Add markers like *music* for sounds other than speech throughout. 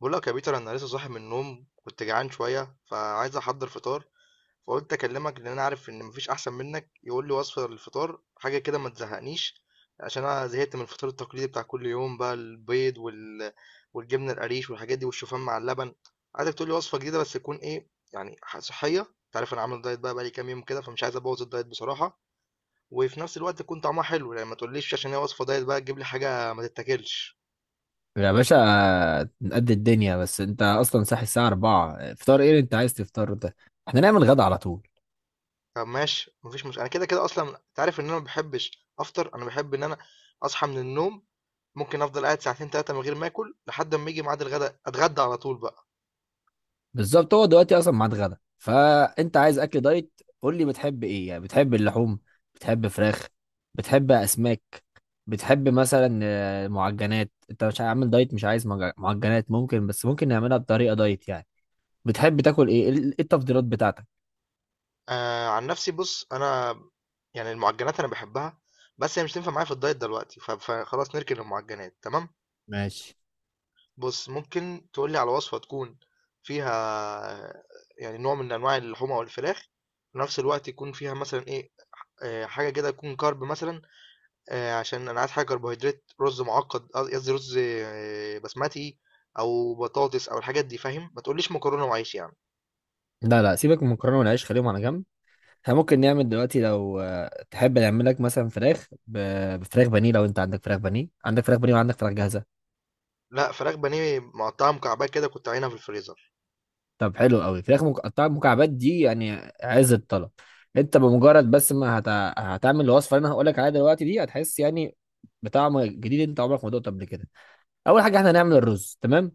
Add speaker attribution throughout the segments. Speaker 1: بقول لك يا بيتر، انا لسه صاحي من النوم، كنت جعان شويه فعايز احضر فطار. فقلت اكلمك لان انا عارف ان مفيش احسن منك يقول لي وصفه للفطار، حاجه كده ما تزهقنيش. عشان انا زهقت من الفطار التقليدي بتاع كل يوم بقى، البيض والجبنه القريش والحاجات دي والشوفان مع اللبن. عايزك تقول لي وصفه جديده بس تكون ايه يعني صحيه. انت عارف انا عامل دايت بقى بقالي كام يوم كده، فمش عايز ابوظ الدايت بصراحه. وفي نفس الوقت تكون طعمها حلو، يعني ما تقوليش عشان هي وصفه دايت بقى تجيب لي حاجه ما تتاكلش.
Speaker 2: يا باشا، نقد الدنيا. بس انت اصلا صاحي الساعة 4، فطار ايه اللي انت عايز تفطر ده؟ احنا نعمل غدا على طول.
Speaker 1: طب ماشي، مفيش مشكلة. انا كده كده اصلا انت عارف ان انا ما بحبش افطر، انا بحب ان انا اصحى من النوم ممكن افضل قاعد ساعتين ثلاثة من غير ما اكل لحد ما يجي ميعاد الغداء اتغدى على طول بقى.
Speaker 2: بالظبط، هو دلوقتي اصلا ميعاد غدا. فانت عايز اكل دايت، قول لي بتحب ايه؟ يعني بتحب اللحوم، بتحب فراخ، بتحب اسماك، بتحب مثلا معجنات؟ انت مش عامل دايت؟ مش عايز معجنات ممكن، بس ممكن نعملها بطريقة دايت يعني. بتحب تاكل ايه؟ ايه التفضيلات بتاعتك؟
Speaker 1: آه، عن نفسي بص انا يعني المعجنات انا بحبها، بس هي مش تنفع معايا في الدايت دلوقتي، فخلاص نركن المعجنات. تمام.
Speaker 2: ماشي.
Speaker 1: بص ممكن تقولي على وصفة تكون فيها يعني نوع من انواع اللحوم او الفراخ، في نفس الوقت يكون فيها مثلا ايه، آه، حاجة كده تكون كارب مثلا. آه، عشان انا عايز حاجه كربوهيدرات، رز معقد، قصدي رز آه، بسمتي او بطاطس او الحاجات دي، فاهم؟ ما تقوليش مكرونه وعيش يعني.
Speaker 2: لا، سيبك من المكرونة والعيش، خليهم على جنب. احنا ممكن نعمل دلوقتي لو تحب نعمل لك مثلا فراخ بفراخ بانيه. لو انت عندك فراخ بانيه، عندك فراخ بانيه وعندك فراخ جاهزه.
Speaker 1: لا، فراخ بانيه مقطعه مكعبات كده كنت عينها في الفريزر.
Speaker 2: طب حلو قوي، فراخ مقطعه مكعبات دي يعني عز الطلب. انت بمجرد بس ما هت... هتعمل الوصفه اللي انا هقول لك عليها دلوقتي دي، هتحس يعني بطعم جديد انت عمرك ما دقته قبل كده. اول حاجه احنا هنعمل الرز، تمام.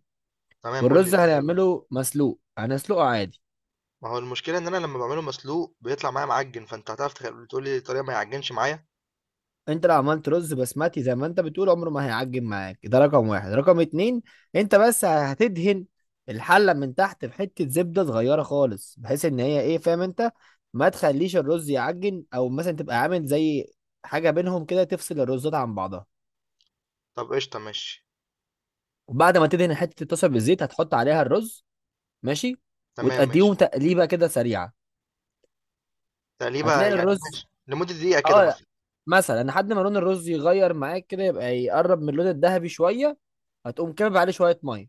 Speaker 1: تمام، قول لي
Speaker 2: والرز
Speaker 1: ازاي الرز.
Speaker 2: هنعمله مسلوق، هنسلقه عادي.
Speaker 1: ما هو المشكله ان انا لما بعمله مسلوق بيطلع معايا معجن، فانت هتعرف تقول لي الطريقه ما يعجنش معايا.
Speaker 2: انت لو عملت رز بسمتي زي ما انت بتقول عمره ما هيعجن معاك، ده رقم واحد. رقم اتنين، انت بس هتدهن الحلة من تحت بحتة زبدة صغيرة خالص، بحيث ان هي ايه، فاهم انت، ما تخليش الرز يعجن، او مثلا تبقى عامل زي حاجة بينهم كده تفصل الرزات عن بعضها.
Speaker 1: طب قشطه، ماشي.
Speaker 2: وبعد ما تدهن حتة الطاسة بالزيت، هتحط عليها الرز، ماشي،
Speaker 1: تمام
Speaker 2: وتأديهم
Speaker 1: ماشي.
Speaker 2: تقليبة كده سريعة.
Speaker 1: تقليبه
Speaker 2: هتلاقي
Speaker 1: يعني
Speaker 2: الرز،
Speaker 1: ماشي، لمده دقيقه كده
Speaker 2: اه، لا،
Speaker 1: مثلا.
Speaker 2: مثلا لحد ما لون الرز يغير معاك كده يبقى يقرب من اللون الذهبي شوية، هتقوم كابب عليه شوية مية.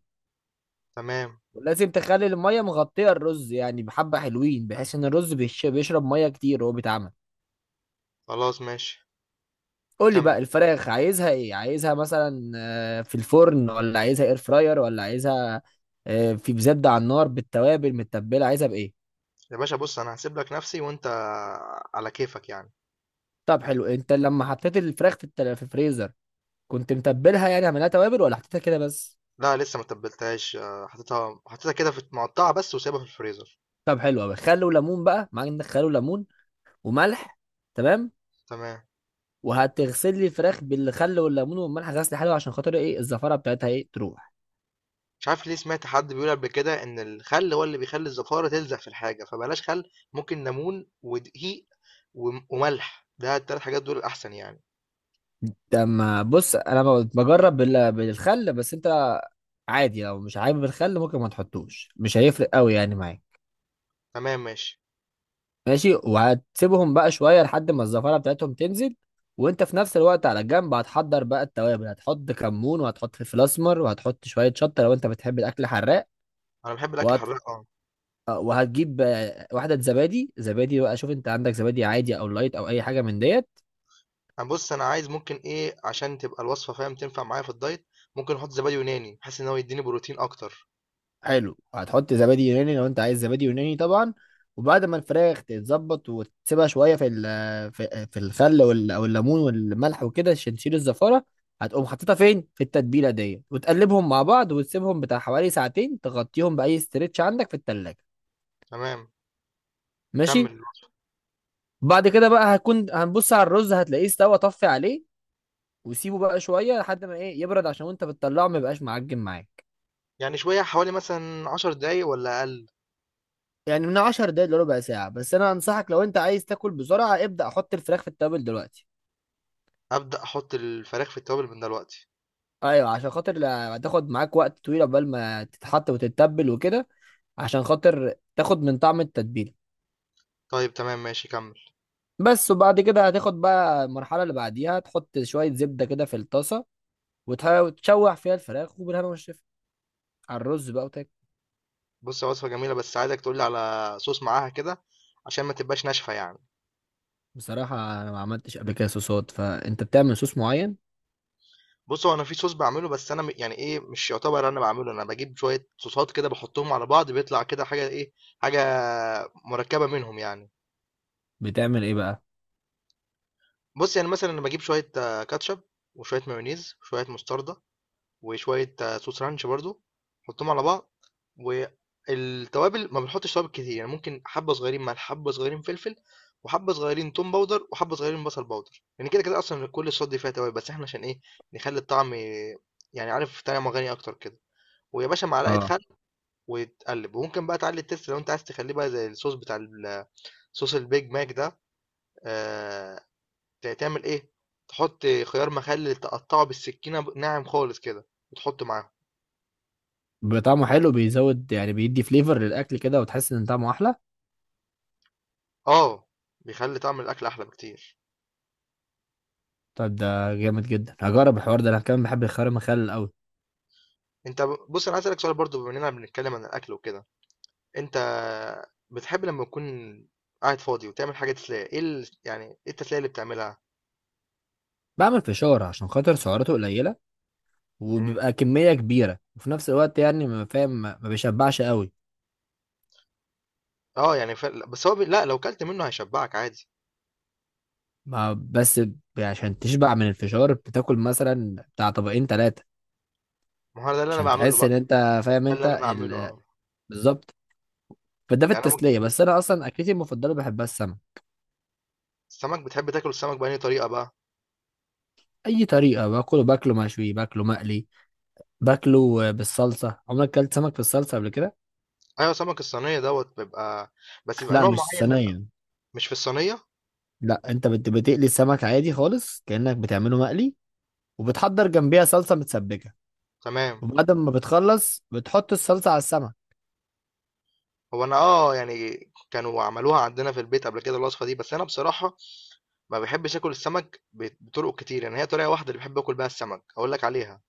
Speaker 1: تمام.
Speaker 2: ولازم تخلي المية مغطية الرز يعني بحبة حلوين، بحيث ان الرز بيشرب مية كتير وهو بيتعمل.
Speaker 1: خلاص ماشي،
Speaker 2: قول لي
Speaker 1: كمل.
Speaker 2: بقى الفراخ عايزها ايه؟ عايزها مثلا في الفرن، ولا عايزها اير فراير، ولا عايزها في بزبدة على النار بالتوابل متبلة؟ عايزها بايه؟
Speaker 1: يا باشا بص انا هسيب لك نفسي، وانت على كيفك يعني.
Speaker 2: طب حلو. انت لما حطيت الفراخ في في الفريزر كنت متبلها؟ يعني عملها توابل ولا حطيتها كده بس؟
Speaker 1: لا، لسه ما تبلتهاش. آه، حطيتها كده في مقطعه بس، وسايبها في الفريزر.
Speaker 2: طب حلو قوي. خل وليمون بقى معاك؟ عندك خل وليمون وملح؟ تمام.
Speaker 1: تمام.
Speaker 2: وهتغسل لي الفراخ بالخل والليمون والملح غسل حلو، عشان خاطر ايه، الزفاره بتاعتها ايه تروح.
Speaker 1: مش عارف ليه، سمعت حد بيقول قبل كده ان الخل هو اللي بيخلي الزفاره تلزق في الحاجه، فبلاش خل، ممكن ليمون ودقيق وملح، ده التلات حاجات دول الاحسن يعني.
Speaker 2: لما بص انا بجرب بالخل، بس انت عادي لو مش حابب الخل ممكن ما تحطوش، مش هيفرق قوي يعني معاك.
Speaker 1: تمام ماشي.
Speaker 2: ماشي. وهتسيبهم بقى شويه لحد ما الزفاره بتاعتهم تنزل. وانت في نفس الوقت على جنب هتحضر بقى التوابل، هتحط كمون، وهتحط فلفل اسمر، وهتحط شويه شطه لو انت بتحب الاكل حراق.
Speaker 1: انا بحب الاكل
Speaker 2: وهت...
Speaker 1: حراق، اه.
Speaker 2: وهتجيب واحده زبادي. زبادي بقى، شوف انت عندك زبادي عادي او لايت او اي حاجه من ديت.
Speaker 1: انا بص انا عايز ممكن ايه عشان تبقى الوصفه، فاهم، تنفع معايا في الدايت، ممكن احط زبادي يوناني بحيث ان هو يديني بروتين اكتر.
Speaker 2: حلو، هتحط زبادي يوناني لو انت عايز زبادي يوناني طبعا. وبعد ما الفراخ تتظبط وتسيبها شويه في في الخل او الليمون والملح وكده عشان تشيل الزفاره، هتقوم حاططها فين في التتبيله دي، وتقلبهم مع بعض، وتسيبهم بتاع حوالي ساعتين، تغطيهم باي استرتش عندك في التلاجة.
Speaker 1: تمام،
Speaker 2: ماشي.
Speaker 1: كمل الوصفة.
Speaker 2: بعد كده بقى هكون هنبص على الرز، هتلاقيه استوى، طفي عليه. وسيبه بقى شويه لحد ما ايه يبرد، عشان وانت بتطلعه ما يبقاش معجن معاك.
Speaker 1: يعني شويه، حوالي مثلا 10 دقايق ولا اقل؟
Speaker 2: يعني من 10 دقايق لربع ساعة. بس أنا أنصحك لو أنت عايز تاكل بسرعة، ابدأ حط الفراخ في التبل دلوقتي.
Speaker 1: ابدا احط الفراخ في التوابل من دلوقتي.
Speaker 2: أيوة، عشان خاطر هتاخد معاك وقت طويل عقبال ما تتحط وتتبل وكده، عشان خاطر تاخد من طعم التتبيلة.
Speaker 1: طيب تمام ماشي، كمل.
Speaker 2: بس. وبعد كده هتاخد بقى المرحلة اللي بعديها، تحط شوية زبدة كده في الطاسة، وتشوح فيها الفراخ، وبالهنا والشفا على الرز بقى، وتاكل.
Speaker 1: بص هي وصفة جميلة، بس عايزك تقولي على صوص معاها كده عشان ما تبقاش ناشفة يعني.
Speaker 2: بصراحة أنا ما عملتش قبل كده صوصات، فأنت بتعمل صوص معين؟
Speaker 1: بص هو انا في صوص بعمله، بس انا يعني ايه، مش يعتبر انا بعمله، انا بجيب شوية صوصات كده بحطهم على بعض، بيطلع كده حاجة ايه، حاجة مركبة منهم يعني.
Speaker 2: بتعمل إيه بقى؟
Speaker 1: بص يعني مثلا انا بجيب شوية آه، كاتشب وشوية مايونيز وشوية مستردة وشوية آه، صوص رانش برضو، حطهم على بعض. والتوابل ما بنحطش توابل كتير يعني، ممكن حبة صغيرين ملح، حبة صغيرين فلفل، وحبة صغيرين توم باودر، وحبة صغيرين بصل باودر. يعني كده كده أصلا كل الصوص دي فيها توابل، بس احنا عشان ايه نخلي الطعم يعني، عارف، طعم غني أكتر كده. ويا باشا معلقة
Speaker 2: اه،
Speaker 1: خل وتقلب، وممكن بقى تعلي التست لو انت عايز تخليه بقى زي الصوص بتاع صوص البيج ماك ده. آه، تعمل ايه، تحط خيار مخلل تقطعه بالسكينة ناعم خالص كده وتحطه معاه.
Speaker 2: بطعمه حلو، بيزود يعني، بيدي فليفر للأكل كده، وتحس إن طعمه أحلى.
Speaker 1: آه، بيخلّي طعم الأكل أحلى بكتير.
Speaker 2: طب ده جامد جدا، هجرب الحوار ده. انا كمان بحب الخيار المخلل قوي.
Speaker 1: أنت، بُص، أنا عايز أسألك سؤال برضه بما إننا بنتكلم عن الأكل وكده، أنت بتحب لمّا تكون قاعد فاضي وتعمل حاجة تسلية، إيه يعني إيه التسلية اللي بتعملها؟
Speaker 2: بعمل فشار عشان خاطر سعراته قليله،
Speaker 1: إمم،
Speaker 2: وبيبقى كميه كبيره، وفي نفس الوقت يعني، ما فاهم، ما بيشبعش قوي.
Speaker 1: آه، يعني ف بس هو ب لأ لو كلت منه هيشبعك عادي.
Speaker 2: ما بس عشان تشبع من الفشار بتاكل مثلا بتاع طبقين ثلاثه،
Speaker 1: ما هو ده اللي أنا
Speaker 2: عشان
Speaker 1: باعمله
Speaker 2: تحس ان
Speaker 1: بقى.
Speaker 2: انت فاهم
Speaker 1: ده
Speaker 2: انت
Speaker 1: اللي أنا باعمله، آه.
Speaker 2: بالظبط. فده في
Speaker 1: يعني أنا
Speaker 2: التسليه.
Speaker 1: ممكن
Speaker 2: بس انا اصلا اكلتي المفضله بحبها السمك.
Speaker 1: السمك، بتحب تاكل السمك بأنهي طريقة بقى؟
Speaker 2: اي طريقه باكله، باكله مشوي، باكله مقلي، باكله بالصلصه. عمرك اكلت سمك بالصلصه قبل كده؟
Speaker 1: أيوه، سمك الصينية دوّة بيبقى، بس بيبقى
Speaker 2: لا
Speaker 1: نوع
Speaker 2: مش
Speaker 1: معيّن منه.
Speaker 2: صينيه.
Speaker 1: مش في الصينية؟
Speaker 2: لا، انت بتقلي السمك عادي خالص كأنك بتعمله مقلي، وبتحضر جنبيها صلصة متسبكة،
Speaker 1: تمام.
Speaker 2: وبعد ما بتخلص بتحط الصلصة على السمك.
Speaker 1: هو أنا آه، يعني كانوا عملوها عندنا في البيت قبل كده الوصفة دي، بس أنا بصراحة ما بيحبش ياكل السمك بطرق كتير، يعني هي طريقة واحدة اللي بحب اكل بيها السمك اقول لك عليها.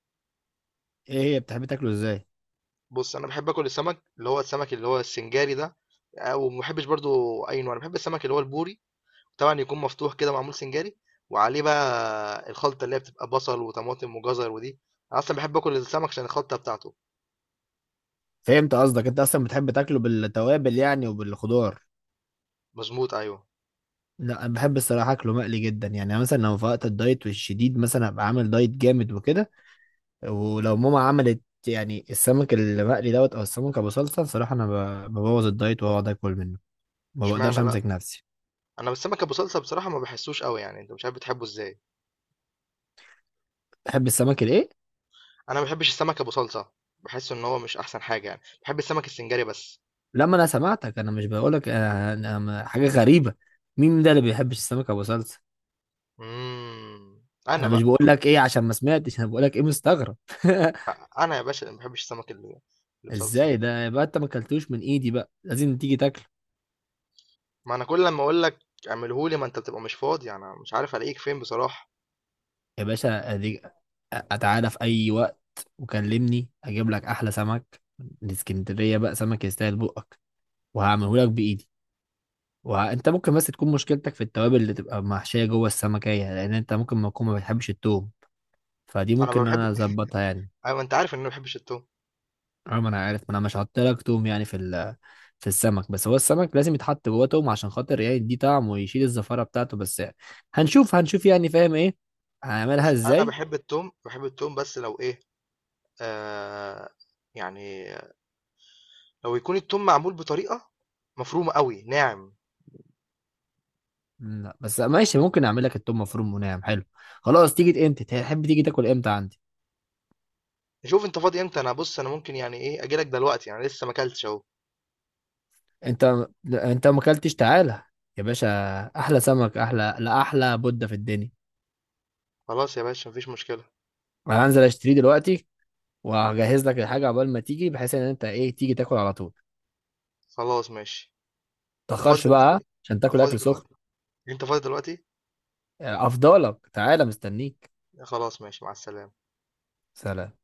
Speaker 2: ايه هي، بتحب تاكله ازاي؟
Speaker 1: بص انا بحب اكل السمك اللي هو السمك اللي هو السنجاري ده. آه، وما بحبش برضو اي نوع، انا بحب السمك اللي هو البوري، طبعا يكون مفتوح كده معمول سنجاري، وعليه بقى الخلطة اللي هي بتبقى بصل وطماطم وجزر ودي. انا اصلا بحب اكل السمك عشان الخلطة بتاعته.
Speaker 2: فهمت قصدك، انت اصلا بتحب تاكله بالتوابل يعني وبالخضار.
Speaker 1: مظبوط، ايوه.
Speaker 2: لا انا بحب الصراحه اكله مقلي جدا، يعني أنا مثلا لو في وقت الدايت والشديد، مثلا ابقى عامل دايت جامد وكده، ولو ماما عملت يعني السمك المقلي دوت او السمك ابو صلصه، صراحه انا ببوظ الدايت واقعد اكل منه، ما بقدرش
Speaker 1: اشمعنى بقى،
Speaker 2: امسك نفسي.
Speaker 1: انا بالسمك ابو صلصة بصراحة ما بحسوش قوي يعني، انت مش عارف بتحبه ازاي.
Speaker 2: بحب السمك الايه.
Speaker 1: انا ما بحبش السمك ابو صلصة، بحس ان هو مش احسن حاجة يعني، بحب السمك السنجاري بس.
Speaker 2: لما انا سمعتك، انا مش بقول لك حاجه غريبه؟ مين ده اللي بيحبش السمك ابو صلصه؟
Speaker 1: امم، انا
Speaker 2: انا مش
Speaker 1: بقى،
Speaker 2: بقول لك ايه عشان ما سمعتش، انا بقول لك ايه مستغرب. *laughs*
Speaker 1: انا يا باشا اللي ما بحبش السمك اللي اللي بصلصه.
Speaker 2: ازاي ده يبقى انت ما اكلتوش من ايدي؟ بقى لازم تيجي تاكله
Speaker 1: ما انا كل لما اقول لك اعمله لي ما انت بتبقى مش فاضي، انا مش عارف الاقيك فين بصراحه.
Speaker 2: يا باشا. اديك، اتعالى في اي وقت وكلمني، اجيب لك احلى سمك من اسكندريه، بقى سمك يستاهل بقك، وهعمله لك بايدي. وانت ممكن بس تكون مشكلتك في التوابل اللي تبقى محشيه جوه السمكيه، لان انت ممكن ما تكون ما بتحبش التوم، فدي
Speaker 1: انا
Speaker 2: ممكن
Speaker 1: ما
Speaker 2: إن انا
Speaker 1: بحب
Speaker 2: اظبطها يعني.
Speaker 1: *laughs* ايوه، انت عارف ان انا ما بحبش التوم.
Speaker 2: اه، ما انا عارف، ما انا مش حاطط لك توم يعني في السمك. بس هو السمك لازم يتحط جوه توم عشان خاطر يعني يديه طعم ويشيل الزفاره بتاعته. بس هنشوف، هنشوف يعني فاهم ايه، هنعملها
Speaker 1: بص انا
Speaker 2: ازاي.
Speaker 1: بحب التوم بس لو ايه، آه، يعني لو يكون التوم معمول بطريقه مفرومه قوي، ناعم.
Speaker 2: لا بس ماشي، ممكن اعمل لك التوم مفروم وناعم، حلو. خلاص، تيجي امتى تحب تيجي تاكل امتى عندي؟
Speaker 1: شوف انت فاضي امتى، انا بص انا ممكن يعني ايه اجي لك دلوقتي يعني، لسه ما اكلتش اهو.
Speaker 2: انت انت ما اكلتش، تعالى يا باشا، احلى سمك، احلى، لا احلى بودة في الدنيا.
Speaker 1: خلاص يا باشا، مفيش مشكله.
Speaker 2: انا هنزل اشتريه دلوقتي، وهجهز لك الحاجه عقبال ما تيجي، بحيث ان انت ايه تيجي تاكل على طول.
Speaker 1: خلاص ماشي. انت فاضي
Speaker 2: متأخرش
Speaker 1: دلوقتي؟
Speaker 2: بقى عشان
Speaker 1: انت
Speaker 2: تاكل
Speaker 1: فاضي
Speaker 2: اكل سخن.
Speaker 1: دلوقتي؟ انت فاضي دلوقتي؟
Speaker 2: افضلك، تعالى، مستنيك.
Speaker 1: خلاص ماشي، مع السلامه.
Speaker 2: سلام.